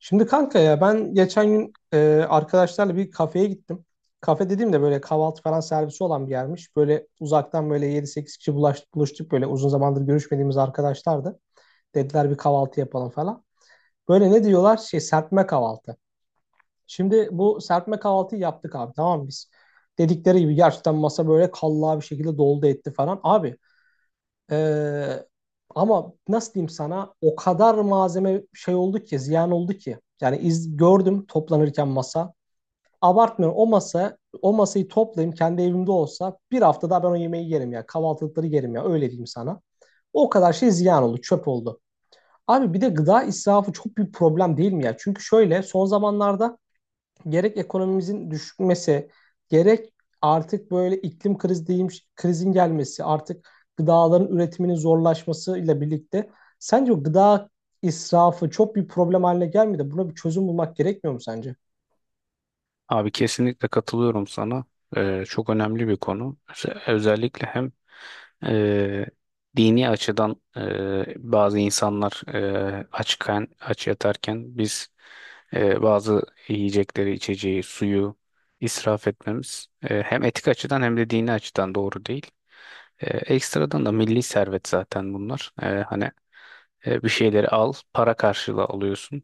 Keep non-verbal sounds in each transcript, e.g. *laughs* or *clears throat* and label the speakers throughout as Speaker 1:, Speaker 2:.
Speaker 1: Şimdi kanka ya ben geçen gün arkadaşlarla bir kafeye gittim. Kafe dediğim de böyle kahvaltı falan servisi olan bir yermiş. Böyle uzaktan böyle yedi sekiz kişi buluştuk, böyle uzun zamandır görüşmediğimiz arkadaşlardı. Dediler bir kahvaltı yapalım falan. Böyle ne diyorlar? Şey, serpme kahvaltı. Şimdi bu serpme kahvaltıyı yaptık abi, tamam mı biz? Dedikleri gibi gerçekten masa böyle kallavi bir şekilde doldu etti falan. Abi ee, ama nasıl diyeyim sana, o kadar malzeme şey oldu ki, ziyan oldu ki. Yani gördüm toplanırken masa. Abartmıyorum, o masa o masayı toplayayım kendi evimde olsa bir hafta daha ben o yemeği yerim ya. Kahvaltılıkları yerim ya, öyle diyeyim sana. O kadar şey ziyan oldu, çöp oldu. Abi bir de gıda israfı çok büyük problem değil mi ya? Çünkü şöyle son zamanlarda gerek ekonomimizin düşmesi, gerek artık böyle iklim krizi diyeyim, krizin gelmesi, artık gıdaların üretiminin zorlaşmasıyla birlikte sence o gıda israfı çok bir problem haline gelmedi. Buna bir çözüm bulmak gerekmiyor mu sence?
Speaker 2: Abi kesinlikle katılıyorum sana. Çok önemli bir konu. Özellikle hem e, dini açıdan bazı insanlar açken, aç yatarken biz bazı yiyecekleri, içeceği, suyu israf etmemiz hem etik açıdan hem de dini açıdan doğru değil. Ekstradan da milli servet zaten bunlar. Hani bir şeyleri al, para karşılığı alıyorsun.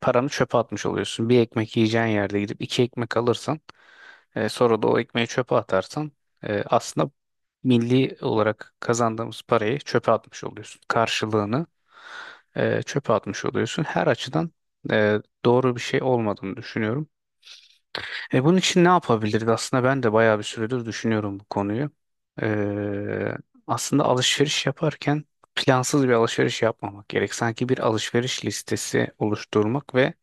Speaker 2: Paranı çöpe atmış oluyorsun. Bir ekmek yiyeceğin yerde gidip iki ekmek alırsan sonra da o ekmeği çöpe atarsan aslında milli olarak kazandığımız parayı çöpe atmış oluyorsun. Karşılığını çöpe atmış oluyorsun. Her açıdan e, doğru bir şey olmadığını düşünüyorum. E bunun için ne yapabiliriz? Aslında ben de bayağı bir süredir düşünüyorum bu konuyu. Ee, Aslında alışveriş yaparken plansız bir alışveriş yapmamak gerek. Sanki bir alışveriş listesi oluşturmak ve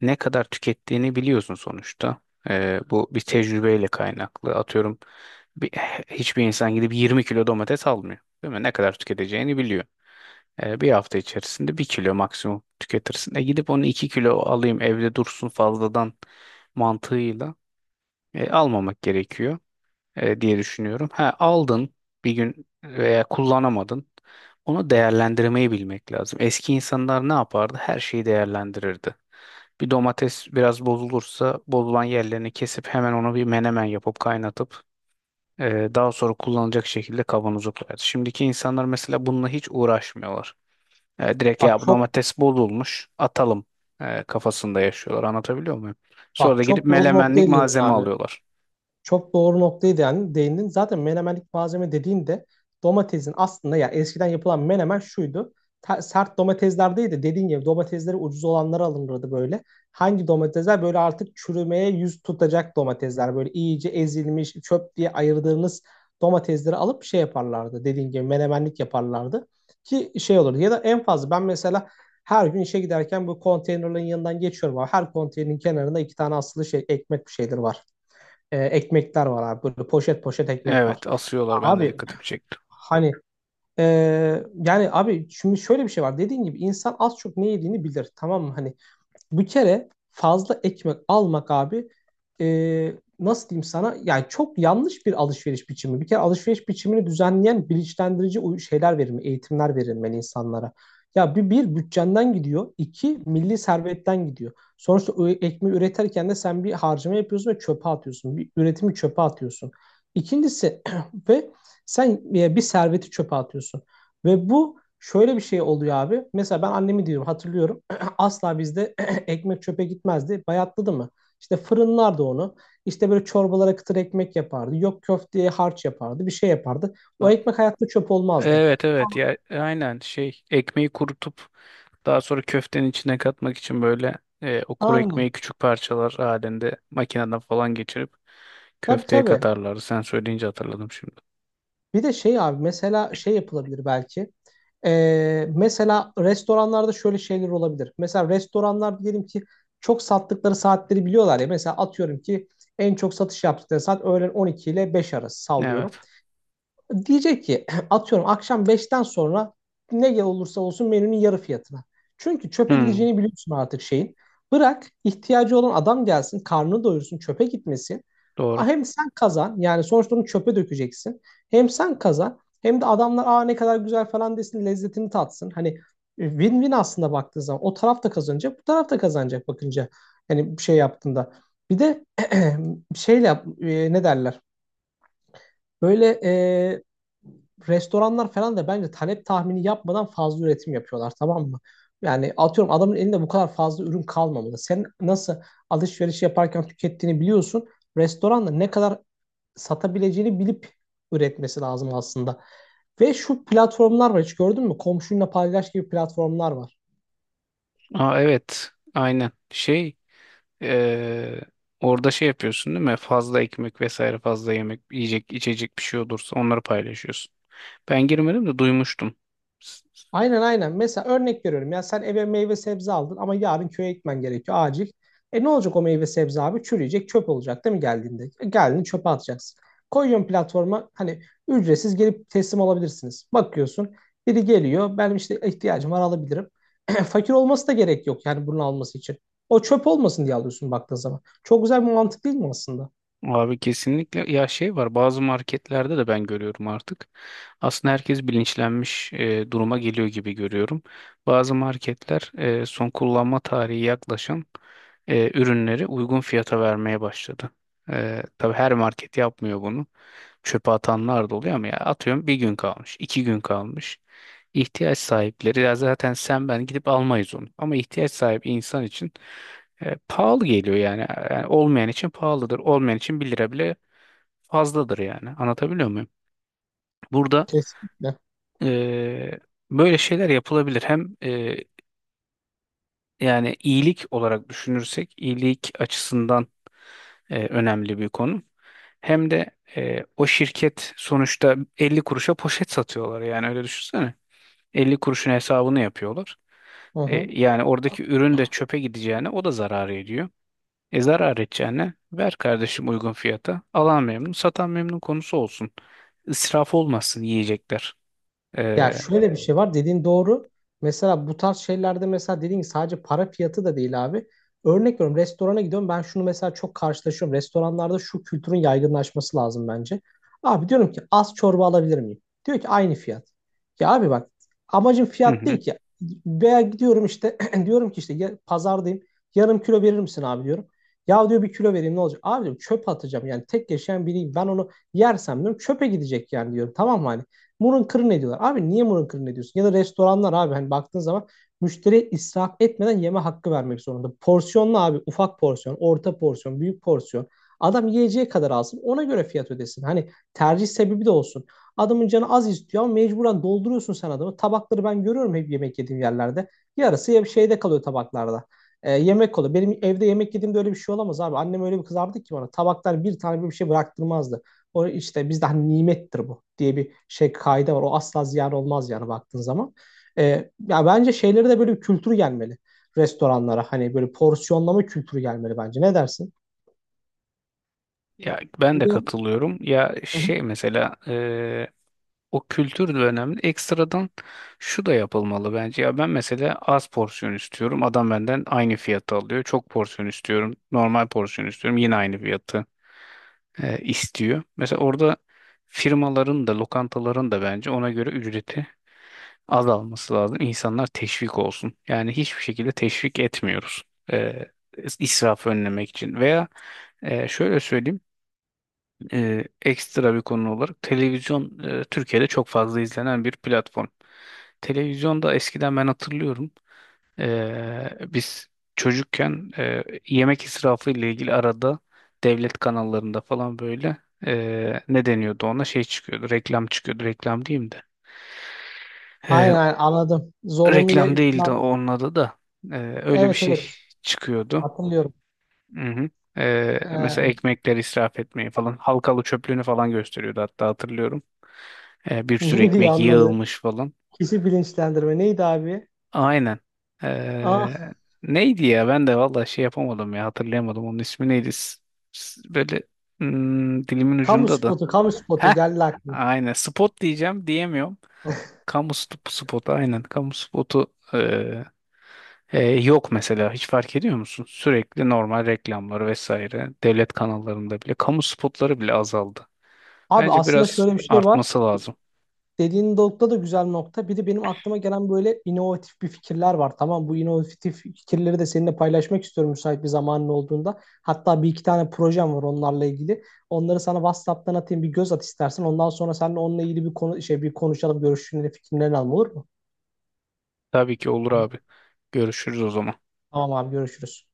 Speaker 2: ne kadar tükettiğini biliyorsun sonuçta. Bu bir tecrübeyle kaynaklı. Atıyorum bir, hiçbir insan gidip 20 kilo domates almıyor. Değil mi? Ne kadar tüketeceğini biliyor. Bir hafta içerisinde bir kilo maksimum tüketirsin. E gidip onu 2 kilo alayım evde dursun fazladan mantığıyla almamak gerekiyor diye düşünüyorum. Ha, aldın bir gün veya kullanamadın. Onu değerlendirmeyi bilmek lazım. Eski insanlar ne yapardı? Her şeyi değerlendirirdi. Bir domates biraz bozulursa bozulan yerlerini kesip hemen onu bir menemen yapıp kaynatıp daha sonra kullanılacak şekilde kavanoza koyardı. Şimdiki insanlar mesela bununla hiç uğraşmıyorlar. E, direkt
Speaker 1: Bak
Speaker 2: ya bu
Speaker 1: çok
Speaker 2: domates bozulmuş atalım kafasında yaşıyorlar. Anlatabiliyor muyum? Sonra
Speaker 1: Bak,
Speaker 2: da gidip
Speaker 1: çok doğru
Speaker 2: melemenlik
Speaker 1: noktaya değindin
Speaker 2: malzeme
Speaker 1: abi.
Speaker 2: alıyorlar.
Speaker 1: Çok doğru noktaya değindin. Zaten menemenlik malzeme dediğinde domatesin aslında, ya eskiden yapılan menemen şuydu. Sert domatesler değil de, dediğin gibi domatesleri ucuz olanları alınırdı böyle. Hangi domatesler böyle artık çürümeye yüz tutacak domatesler, böyle iyice ezilmiş çöp diye ayırdığınız domatesleri alıp şey yaparlardı. Dediğin gibi menemenlik yaparlardı ki şey olur. Ya da en fazla ben mesela her gün işe giderken bu konteynerların yanından geçiyorum abi. Her konteynerin kenarında iki tane asılı şey, ekmek, bir şeyler var, ekmekler var abi. Böyle poşet poşet ekmek var.
Speaker 2: Evet, asıyorlar, ben de
Speaker 1: Abi
Speaker 2: dikkatimi çekti.
Speaker 1: hani e, yani abi şimdi şöyle bir şey var. Dediğin gibi insan az çok ne yediğini bilir. Tamam mı? Hani bir kere fazla ekmek almak abi, e, nasıl diyeyim sana, yani çok yanlış bir alışveriş biçimi. Bir kere alışveriş biçimini düzenleyen bilinçlendirici şeyler verilmeli, eğitimler verilmeli insanlara. Ya bir, bir bütçenden gidiyor, iki milli servetten gidiyor. Sonuçta o ekmeği üretirken de sen bir harcama yapıyorsun ve çöpe atıyorsun. Bir üretimi çöpe atıyorsun. İkincisi *clears throat* ve sen bir serveti çöpe atıyorsun. Ve bu şöyle bir şey oluyor abi. Mesela ben annemi diyorum, hatırlıyorum. *clears throat* Asla bizde ekmek çöpe gitmezdi. Bayatladı mı? İşte fırınlardı onu. İşte böyle çorbalara kıtır ekmek yapardı. Yok, köfteye harç yapardı. Bir şey yapardı. O
Speaker 2: Ha,
Speaker 1: ekmek hayatta çöp olmazdı.
Speaker 2: evet, evet, ya aynen şey, ekmeği kurutup daha sonra köftenin içine katmak için böyle o kuru
Speaker 1: Aynen.
Speaker 2: ekmeği küçük parçalar halinde makineden falan geçirip
Speaker 1: Tabii,
Speaker 2: köfteye
Speaker 1: tabii.
Speaker 2: katarlar. Sen söyleyince hatırladım şimdi.
Speaker 1: Bir de şey abi, mesela şey yapılabilir belki. Mesela restoranlarda şöyle şeyler olabilir. Mesela restoranlar diyelim ki çok sattıkları saatleri biliyorlar ya. Mesela atıyorum ki en çok satış yaptıkları saat öğlen 12 ile 5 arası, sallıyorum.
Speaker 2: Evet.
Speaker 1: Diyecek ki *clears throat* *laughs* atıyorum, akşam beşten sonra ne olursa olsun menünün yarı fiyatına. Çünkü çöpe
Speaker 2: Hmm,
Speaker 1: gideceğini biliyorsun artık şeyin. Bırak ihtiyacı olan adam gelsin, karnını doyursun, çöpe gitmesin.
Speaker 2: doğru.
Speaker 1: Hem sen kazan, yani sonuçta onu çöpe dökeceksin. Hem sen kazan, hem de adamlar aa ne kadar güzel falan desin, lezzetini tatsın. Hani win-win aslında, baktığın zaman o taraf da kazanacak, bu taraf da kazanacak bakınca, hani bir şey yaptığında. Bir de *clears throat* ne derler? Böyle restoranlar falan da bence talep tahmini yapmadan fazla üretim yapıyorlar, tamam mı? Yani atıyorum adamın elinde bu kadar fazla ürün kalmamalı. Sen nasıl alışveriş yaparken tükettiğini biliyorsun. Restoranda ne kadar satabileceğini bilip üretmesi lazım aslında. Ve şu platformlar var, hiç gördün mü? Komşunla paylaş gibi platformlar var.
Speaker 2: Aa, evet, aynen şey, e, orada şey yapıyorsun değil mi? Fazla ekmek vesaire fazla yemek yiyecek içecek bir şey olursa onları paylaşıyorsun. Ben girmedim de duymuştum. S-
Speaker 1: Aynen. Mesela örnek veriyorum, ya sen eve meyve sebze aldın ama yarın köye gitmen gerekiyor acil. E ne olacak o meyve sebze abi? Çürüyecek, çöp olacak değil mi geldiğinde? E, Geldiğinde çöpe atacaksın. Koyuyorsun platforma, hani ücretsiz gelip teslim alabilirsiniz. Bakıyorsun biri geliyor, benim işte ihtiyacım var, alabilirim. *clears throat* Fakir olması da gerek yok yani bunun alması için. O çöp olmasın diye alıyorsun baktığın zaman. Çok güzel bir mantık değil mi aslında?
Speaker 2: Abi kesinlikle ya şey var bazı marketlerde de ben görüyorum artık. Aslında herkes bilinçlenmiş duruma geliyor gibi görüyorum. Bazı marketler son kullanma tarihi yaklaşan ürünleri uygun fiyata vermeye başladı. E, tabii her market yapmıyor bunu. Çöpe atanlar da oluyor ama ya atıyorum bir gün kalmış, iki gün kalmış. İhtiyaç sahipleri ya zaten sen ben gidip almayız onu. Ama ihtiyaç sahibi insan için pahalı geliyor yani. Yani olmayan için pahalıdır. Olmayan için bir lira bile fazladır yani. Anlatabiliyor muyum? Burada
Speaker 1: Kesinlikle.
Speaker 2: e, böyle şeyler yapılabilir. Hem yani iyilik olarak düşünürsek iyilik açısından önemli bir konu. Hem de o şirket sonuçta 50 kuruşa poşet satıyorlar yani öyle düşünsene. 50 kuruşun hesabını yapıyorlar.
Speaker 1: Hı
Speaker 2: E,
Speaker 1: hı.
Speaker 2: yani oradaki ürün de çöpe gideceğine o da zarar ediyor. E zarar edeceğine ver kardeşim uygun fiyata. Alan memnun, satan memnun konusu olsun. İsraf olmasın yiyecekler.
Speaker 1: Ya
Speaker 2: Ee,
Speaker 1: şöyle bir şey var, dediğin doğru. Mesela bu tarz şeylerde mesela dediğin gibi sadece para fiyatı da değil abi. Örnek veriyorum, restorana gidiyorum ben, şunu mesela çok karşılaşıyorum. Restoranlarda şu kültürün yaygınlaşması lazım bence. Abi diyorum ki, az çorba alabilir miyim? Diyor ki aynı fiyat. Ya abi bak, amacım
Speaker 2: hı
Speaker 1: fiyat
Speaker 2: hı.
Speaker 1: değil ki. Veya gidiyorum işte *clears throat* diyorum ki, işte ya, pazardayım, yarım kilo verir misin abi diyorum. Ya diyor, bir kilo vereyim ne olacak? Abi diyorum çöp atacağım, yani tek yaşayan biriyim ben, onu yersem diyorum çöpe gidecek yani diyorum, tamam mı hani. Murun kırın ediyorlar. Abi niye murun kırın ediyorsun? Ya da restoranlar abi, hani baktığın zaman müşteriye israf etmeden yeme hakkı vermek zorunda. Porsiyonlu abi, ufak porsiyon, orta porsiyon, büyük porsiyon. Adam yiyeceği kadar alsın, ona göre fiyat ödesin. Hani tercih sebebi de olsun. Adamın canı az istiyor ama mecburen dolduruyorsun sen adamı. Tabakları ben görüyorum hep yemek yediğim yerlerde. Yarısı ya bir şeyde kalıyor tabaklarda. Yemek oluyor. Benim evde yemek yediğimde öyle bir şey olamaz abi. Annem öyle bir kızardı ki bana. Tabaklar bir tane bir şey bıraktırmazdı. O işte bizde hani nimettir bu diye bir şey, kaide var. O asla ziyan olmaz yani baktığın zaman. E, ya bence şeyleri de böyle bir kültür gelmeli restoranlara. Hani böyle porsiyonlama kültürü gelmeli bence. Ne dersin?
Speaker 2: Ya ben
Speaker 1: Bir
Speaker 2: de
Speaker 1: de,
Speaker 2: katılıyorum. Ya
Speaker 1: hı hı,
Speaker 2: şey mesela o kültür de önemli. Ekstradan şu da yapılmalı bence. Ya ben mesela az porsiyon istiyorum. Adam benden aynı fiyatı alıyor. Çok porsiyon istiyorum. Normal porsiyon istiyorum. Yine aynı fiyatı istiyor. Mesela orada firmaların da lokantaların da bence ona göre ücreti azalması lazım. İnsanlar teşvik olsun. Yani hiçbir şekilde teşvik etmiyoruz. Ee, israfı önlemek için veya şöyle söyleyeyim ekstra bir konu olarak televizyon Türkiye'de çok fazla izlenen bir platform. Televizyonda eskiden ben hatırlıyorum biz çocukken yemek israfı ile ilgili arada devlet kanallarında falan böyle ne deniyordu ona şey çıkıyordu reklam çıkıyordu reklam diyeyim de.
Speaker 1: aynen,
Speaker 2: Ee,
Speaker 1: aynen, anladım. Zorunlu ya,
Speaker 2: Reklam değildi
Speaker 1: ben-
Speaker 2: onun adı da. Ee, öyle bir
Speaker 1: evet,
Speaker 2: şey
Speaker 1: evet,
Speaker 2: çıkıyordu.
Speaker 1: hatırlıyorum.
Speaker 2: Hı hı. Mesela
Speaker 1: Ee,
Speaker 2: ekmekleri israf etmeyi falan. Halkalı çöplüğünü falan gösteriyordu hatta hatırlıyorum. Bir
Speaker 1: *laughs*
Speaker 2: sürü
Speaker 1: Neydi,
Speaker 2: ekmek
Speaker 1: anladı?
Speaker 2: yığılmış falan.
Speaker 1: Kişi bilinçlendirme, neydi abi?
Speaker 2: Aynen.
Speaker 1: Ah,
Speaker 2: Ee, neydi ya ben de valla şey yapamadım ya hatırlayamadım onun ismi neydi. Böyle dilimin
Speaker 1: kamu
Speaker 2: ucunda da.
Speaker 1: spotu, kamu spotu
Speaker 2: Heh,
Speaker 1: geldi aklıma.
Speaker 2: aynen spot diyeceğim diyemiyorum. Kamu spotu aynen kamu spotu. ee, Yok mesela hiç fark ediyor musun? Sürekli normal reklamları vesaire devlet kanallarında bile kamu spotları bile azaldı.
Speaker 1: Abi
Speaker 2: Bence
Speaker 1: aslında
Speaker 2: biraz
Speaker 1: şöyle bir şey var,
Speaker 2: artması lazım.
Speaker 1: dediğin nokta da güzel nokta. Bir de benim aklıma gelen böyle inovatif bir fikirler var. Tamam, bu inovatif fikirleri de seninle paylaşmak istiyorum müsait bir zamanın olduğunda. Hatta bir iki tane projem var onlarla ilgili. Onları sana WhatsApp'tan atayım, bir göz at istersen. Ondan sonra seninle onunla ilgili bir konu, şey, bir konuşalım, görüşlerini, fikirlerini alalım, olur mu?
Speaker 2: Tabii ki olur abi. Görüşürüz o zaman.
Speaker 1: Tamam abi, görüşürüz.